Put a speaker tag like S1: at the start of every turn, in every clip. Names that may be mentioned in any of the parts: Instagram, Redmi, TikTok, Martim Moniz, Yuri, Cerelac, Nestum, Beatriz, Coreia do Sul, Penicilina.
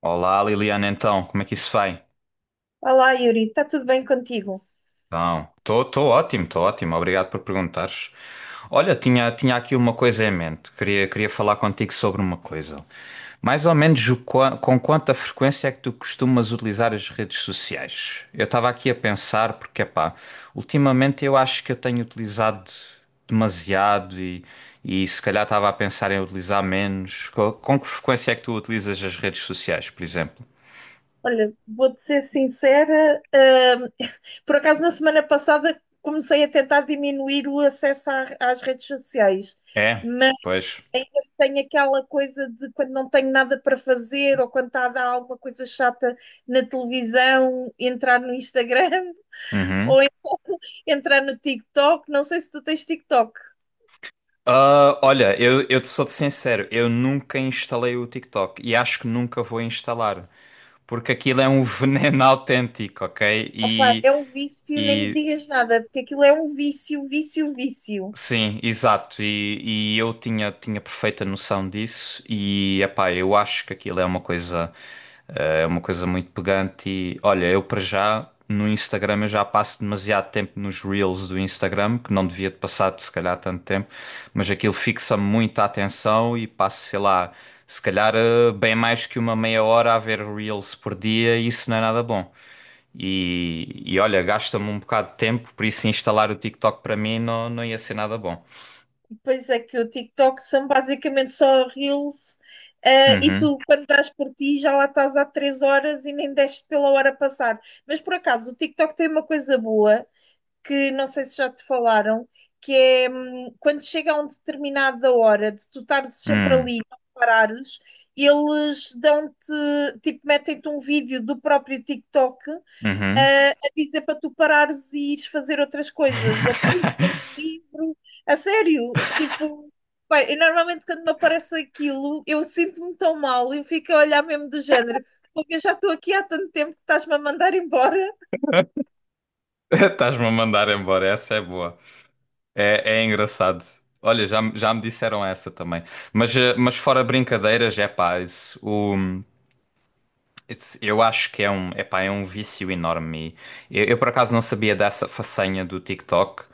S1: Olá, Liliana, então, como é que isso vai?
S2: Olá, Yuri, está tudo bem contigo?
S1: Então, estou ótimo, obrigado por perguntares. Olha, tinha aqui uma coisa em mente, queria falar contigo sobre uma coisa. Mais ou menos com quanta frequência é que tu costumas utilizar as redes sociais? Eu estava aqui a pensar, porque, pá, ultimamente eu acho que eu tenho utilizado demasiado e se calhar estava a pensar em utilizar menos. Com que frequência é que tu utilizas as redes sociais, por exemplo?
S2: Olha, vou-te ser sincera, por acaso na semana passada comecei a tentar diminuir o acesso às redes sociais,
S1: É,
S2: mas
S1: pois.
S2: ainda tenho aquela coisa de quando não tenho nada para fazer ou quando está a dar alguma coisa chata na televisão, entrar no Instagram ou
S1: Uhum.
S2: então entrar no TikTok. Não sei se tu tens TikTok.
S1: Ah, olha, eu te sou sincero, eu nunca instalei o TikTok e acho que nunca vou instalar, porque aquilo é um veneno autêntico, ok?
S2: Opá, é um vício, nem me
S1: E
S2: digas nada, porque aquilo é um vício, vício, vício.
S1: sim, exato, e eu tinha perfeita noção disso e, epá, eu acho que aquilo é uma coisa, é uma coisa muito pegante e, olha, eu para já no Instagram eu já passo demasiado tempo nos Reels do Instagram, que não devia de passar se calhar tanto tempo. Mas aquilo fixa-me muito a atenção e passo, sei lá, se calhar bem mais que uma meia hora a ver Reels por dia e isso não é nada bom. E olha, gasta-me um bocado de tempo, por isso instalar o TikTok para mim não, não ia ser nada bom.
S2: Pois é que o TikTok são basicamente só reels, e
S1: Uhum,
S2: tu, quando dás por ti, já lá estás há 3 horas e nem deste pela hora passar. Mas por acaso, o TikTok tem uma coisa boa, que não sei se já te falaram, que é quando chega a uma determinada hora de tu estares sempre
S1: hum,
S2: ali, e não parares, eles dão-te, tipo, metem-te um vídeo do próprio TikTok
S1: uhum.
S2: a dizer para tu parares e ires fazer outras coisas, ou para ires ler um livro, a sério, tipo. Bem, eu normalmente quando me aparece aquilo, eu sinto-me tão mal, eu fico a olhar mesmo do género, porque eu já estou aqui há tanto tempo que estás-me a mandar embora.
S1: Estás-me a mandar embora, essa é boa. É, é engraçado. Olha, já, já me disseram essa também. Mas, mas fora brincadeiras, é pá, isso, Eu acho que é um, epá, é um vício enorme. Eu, por acaso não sabia dessa façanha do TikTok,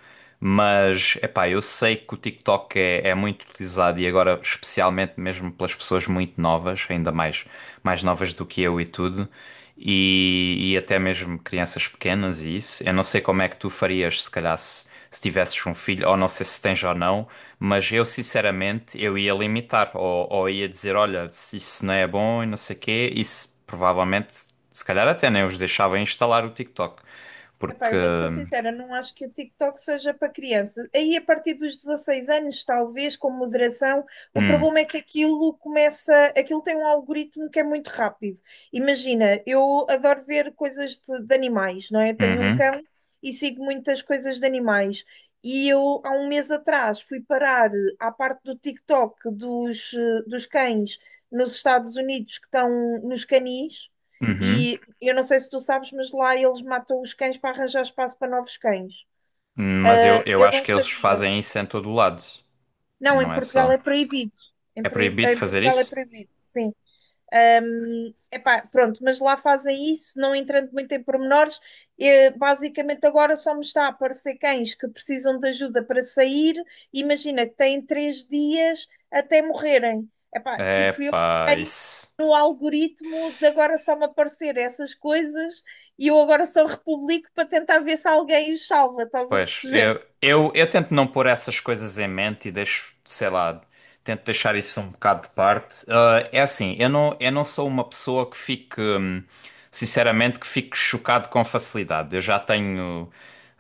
S1: mas, epá, eu sei que o TikTok é, é muito utilizado e agora especialmente mesmo pelas pessoas muito novas, ainda mais, mais novas do que eu e tudo, e até mesmo crianças pequenas e isso. Eu não sei como é que tu farias se calhar se, se tivesses um filho, ou não sei se tens ou não, mas eu sinceramente eu ia limitar, ou ia dizer, olha, se isso não é bom e não sei quê, isso provavelmente, se calhar até nem os deixava instalar o TikTok,
S2: Epá,
S1: porque...
S2: eu vou-te ser sincera, não acho que o TikTok seja para crianças. Aí, a partir dos 16 anos, talvez, com moderação, o
S1: Hum,
S2: problema é que aquilo começa, aquilo tem um algoritmo que é muito rápido. Imagina, eu adoro ver coisas de animais, não é? Eu tenho um
S1: uhum.
S2: cão e sigo muitas coisas de animais. E eu, há um mês atrás, fui parar à parte do TikTok dos cães nos Estados Unidos que estão nos canis. E
S1: Uhum.
S2: eu não sei se tu sabes, mas lá eles matam os cães para arranjar espaço para novos cães.
S1: Mas eu
S2: Eu
S1: acho
S2: não
S1: que eles
S2: sabia.
S1: fazem isso em todo o lado,
S2: Não, em
S1: não é
S2: Portugal
S1: só.
S2: é proibido. Em,
S1: É
S2: proib-
S1: proibido
S2: em
S1: fazer
S2: Portugal é
S1: isso?
S2: proibido, sim. Epá, pronto, mas lá fazem isso, não entrando muito em pormenores. Basicamente, agora só me está a aparecer cães que precisam de ajuda para sair. Imagina que têm 3 dias até morrerem. Epá,
S1: É
S2: tipo, eu
S1: pá,
S2: entrei
S1: isso.
S2: no algoritmo de agora só me aparecer essas coisas e eu agora só republico para tentar ver se alguém os salva, estás a
S1: Pois,
S2: perceber?
S1: eu tento não pôr essas coisas em mente e deixo, sei lá, tento deixar isso um bocado de parte. Ah, é assim, eu não sou uma pessoa que fique, sinceramente, que fique chocado com facilidade. Eu já tenho,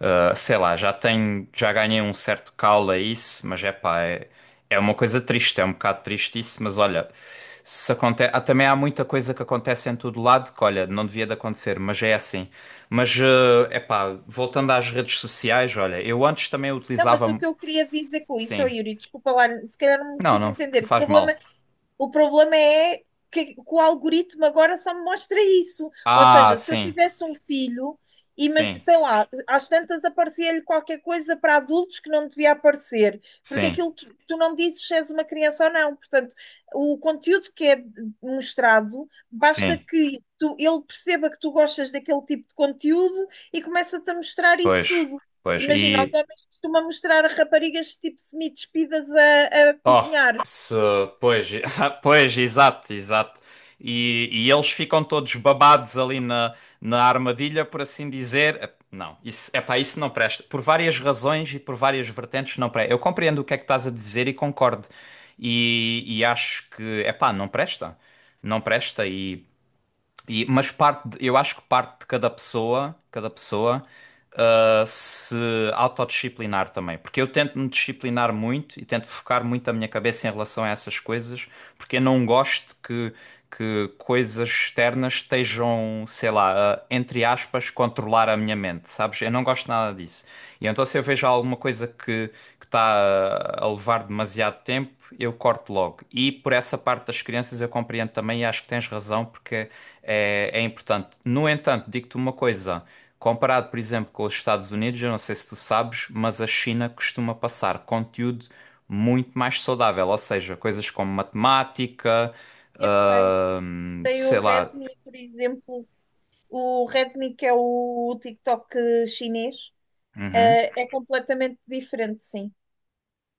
S1: ah, sei lá, já tenho, já ganhei um certo calo a isso, mas é pá, é. É uma coisa triste, é um bocado triste isso, mas olha, se aconte... ah, também há muita coisa que acontece em todo lado que, olha, não devia de acontecer, mas é assim. Mas, é epá, voltando às redes sociais, olha, eu antes também
S2: Não, mas o
S1: utilizava.
S2: que eu queria dizer com isso, oh
S1: Sim.
S2: Yuri, desculpa lá, se calhar não me
S1: Não,
S2: fiz
S1: não
S2: entender. O
S1: faz
S2: problema
S1: mal.
S2: O problema é que o algoritmo agora só me mostra isso. Ou
S1: Ah,
S2: seja, se eu
S1: sim,
S2: tivesse um filho, mas,
S1: sim,
S2: sei lá, às tantas aparecia-lhe qualquer coisa para adultos que não devia aparecer, porque
S1: sim,
S2: aquilo tu não dizes se és uma criança ou não. Portanto, o conteúdo que é mostrado, basta
S1: sim,
S2: que tu, ele perceba que tu gostas daquele tipo de conteúdo e começa-te a mostrar isso
S1: pois,
S2: tudo.
S1: pois.
S2: Imagina, os
S1: E
S2: homens costumam mostrar a raparigas tipo semi-despidas a
S1: oh,
S2: cozinhar.
S1: se, pois, pois, exato, exato. E eles ficam todos babados ali na, na armadilha, por assim dizer. Não, isso, epá, isso não presta. Por várias razões e por várias vertentes não presta. Eu compreendo o que é que estás a dizer e concordo. E acho que, epá, não presta. Não presta e mas parte, eu acho que parte de cada pessoa, ah, se autodisciplinar também. Porque eu tento me disciplinar muito e tento focar muito a minha cabeça em relação a essas coisas, porque eu não gosto que coisas externas estejam, sei lá, a, entre aspas, controlar a minha mente, sabes? Eu não gosto nada disso. E então se eu vejo alguma coisa que está a levar demasiado tempo, eu corto logo. E por essa parte das crianças eu compreendo também e acho que tens razão porque é, é importante. No entanto, digo-te uma coisa. Comparado, por exemplo, com os Estados Unidos, eu não sei se tu sabes, mas a China costuma passar conteúdo muito mais saudável, ou seja, coisas como matemática,
S2: Eu sei, tem o
S1: sei lá.
S2: Redmi, por exemplo, o Redmi que é o TikTok chinês,
S1: Uhum,
S2: é completamente diferente, sim.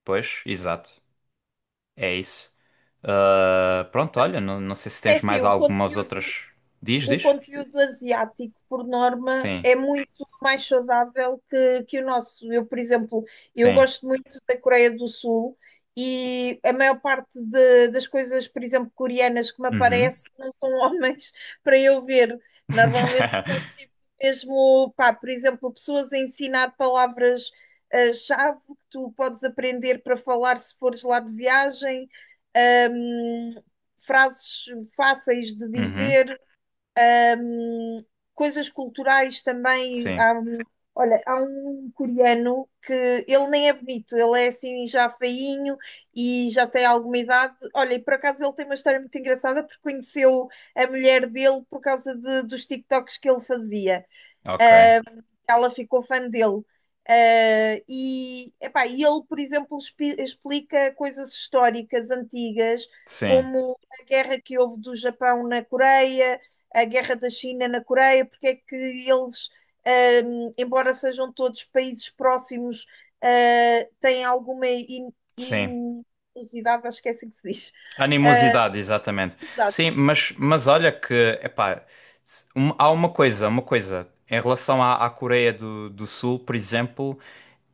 S1: pois, exato. É isso. Ah, pronto, olha, não, não sei se
S2: É
S1: tens
S2: assim,
S1: mais
S2: o
S1: algumas
S2: conteúdo,
S1: outras. Diz,
S2: o
S1: diz.
S2: conteúdo asiático, por norma,
S1: Sim,
S2: é muito mais saudável que o nosso. Eu, por exemplo, eu
S1: sim.
S2: gosto muito da Coreia do Sul e a maior parte das coisas, por exemplo, coreanas que me
S1: Uhum.
S2: aparecem não são homens para eu ver. Normalmente são tipo mesmo, pá, por exemplo, pessoas a ensinar palavras, chave que tu podes aprender para falar se fores lá de viagem, ahm, frases fáceis de
S1: Uhum.
S2: dizer, coisas culturais também.
S1: Sim,
S2: Olha, há um coreano que ele nem é bonito, ele é assim já feinho e já tem alguma idade. Olha, e por acaso ele tem uma história muito engraçada porque conheceu a mulher dele por causa dos TikToks que ele fazia.
S1: ok.
S2: Ela ficou fã dele. E, epá, e ele, por exemplo, explica coisas históricas antigas,
S1: Sim,
S2: como a guerra que houve do Japão na Coreia, a guerra da China na Coreia, porque é que eles, embora sejam todos países próximos, têm alguma
S1: sim.
S2: inusidade, acho que é assim que se diz.
S1: Animosidade, exatamente. Sim,
S2: Exato.
S1: mas olha que, epá, há uma coisa, uma coisa. Em relação à, à Coreia do, do Sul, por exemplo,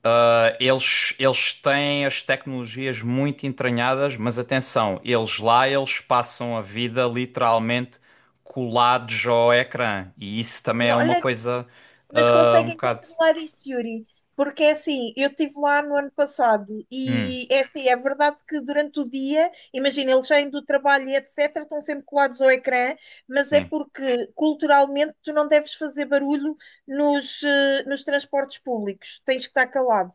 S1: ah, eles têm as tecnologias muito entranhadas, mas atenção, eles lá, eles passam a vida literalmente colados ao ecrã. E isso também é
S2: Não,
S1: uma
S2: olha,
S1: coisa,
S2: mas
S1: ah, um
S2: conseguem
S1: bocado.
S2: controlar isso, Yuri. Porque é assim, eu estive lá no ano passado
S1: Hum,
S2: e é assim, é verdade que durante o dia, imagina, eles saem do trabalho e etc, estão sempre colados ao ecrã, mas é
S1: sim,
S2: porque culturalmente tu não deves fazer barulho nos transportes públicos, tens que estar calado.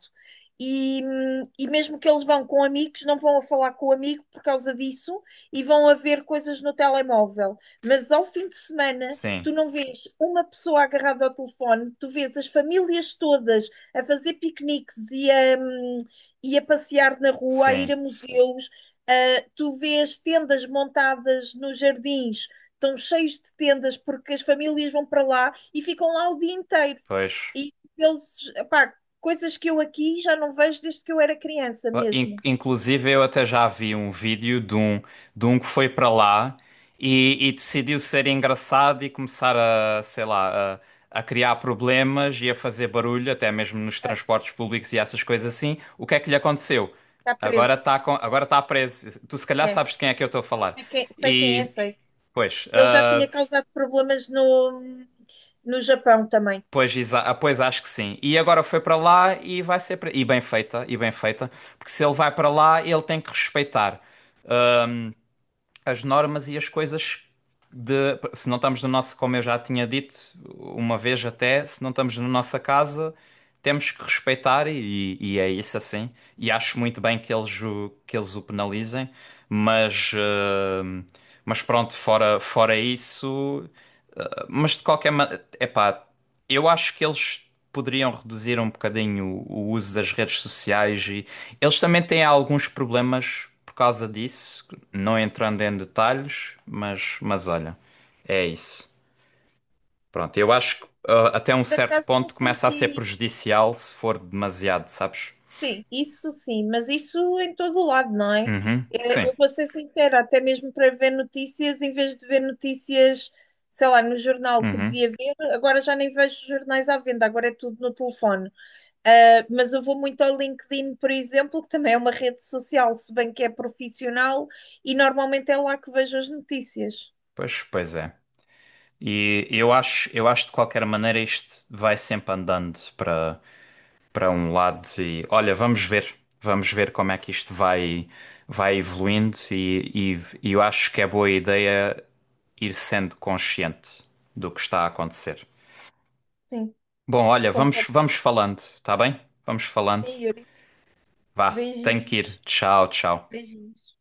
S2: E mesmo que eles vão com amigos, não vão a falar com o amigo por causa disso e vão a ver coisas no telemóvel. Mas ao fim de semana,
S1: sim,
S2: tu não vês uma pessoa agarrada ao telefone, tu vês as famílias todas a fazer piqueniques e a passear na rua, a ir a
S1: sim,
S2: museus, tu vês tendas montadas nos jardins, estão cheios de tendas porque as famílias vão para lá e ficam lá o dia inteiro.
S1: pois.
S2: E eles, pá, coisas que eu aqui já não vejo desde que eu era criança
S1: Ah,
S2: mesmo.
S1: Inclusive, eu até já vi um vídeo de um que foi para lá e decidiu ser engraçado e começar a, sei lá, a criar problemas e a fazer barulho, até mesmo nos transportes públicos e essas coisas assim. O que é que lhe aconteceu?
S2: Está
S1: Agora
S2: preso.
S1: está agora tá preso. Tu, se calhar,
S2: É,
S1: sabes de quem é que eu estou a falar.
S2: sei quem é,
S1: E,
S2: sei.
S1: pois,
S2: Ele já tinha causado problemas no Japão também.
S1: pois, pois acho que sim. E agora foi para lá e vai ser. E bem feita, e bem feita. Porque se ele vai para lá, ele tem que respeitar as normas e as coisas de. Se não estamos no nosso, como eu já tinha dito uma vez até, se não estamos na nossa casa, temos que respeitar e é isso assim. E acho muito bem que eles o penalizem, mas, mas pronto, fora, fora isso. Mas de qualquer maneira, epá, eu acho que eles. Poderiam reduzir um bocadinho o uso das redes sociais e eles também têm alguns problemas por causa disso não entrando em detalhes, mas olha, é isso. Pronto, eu acho que ah, até um
S2: Por
S1: certo
S2: acaso não
S1: ponto começa a ser
S2: senti.
S1: prejudicial se for demasiado, sabes?
S2: Sim, isso sim, mas isso em todo o lado, não é?
S1: Uhum,
S2: Eu
S1: sim.
S2: vou ser sincera, até mesmo para ver notícias, em vez de ver notícias, sei lá, no jornal que
S1: Uhum.
S2: devia ver, agora já nem vejo jornais à venda, agora é tudo no telefone. Mas eu vou muito ao LinkedIn, por exemplo, que também é uma rede social, se bem que é profissional, e normalmente é lá que vejo as notícias.
S1: Pois, pois é. E eu acho de qualquer maneira isto vai sempre andando para para um lado e olha, vamos ver como é que isto vai vai evoluindo e eu acho que é boa ideia ir sendo consciente do que está a acontecer.
S2: Sim,
S1: Bom, olha, vamos,
S2: concordo.
S1: vamos falando, tá bem? Vamos falando.
S2: Sim, Yuri.
S1: Vá, tenho que ir.
S2: Beijinhos.
S1: Tchau, tchau.
S2: Beijinhos.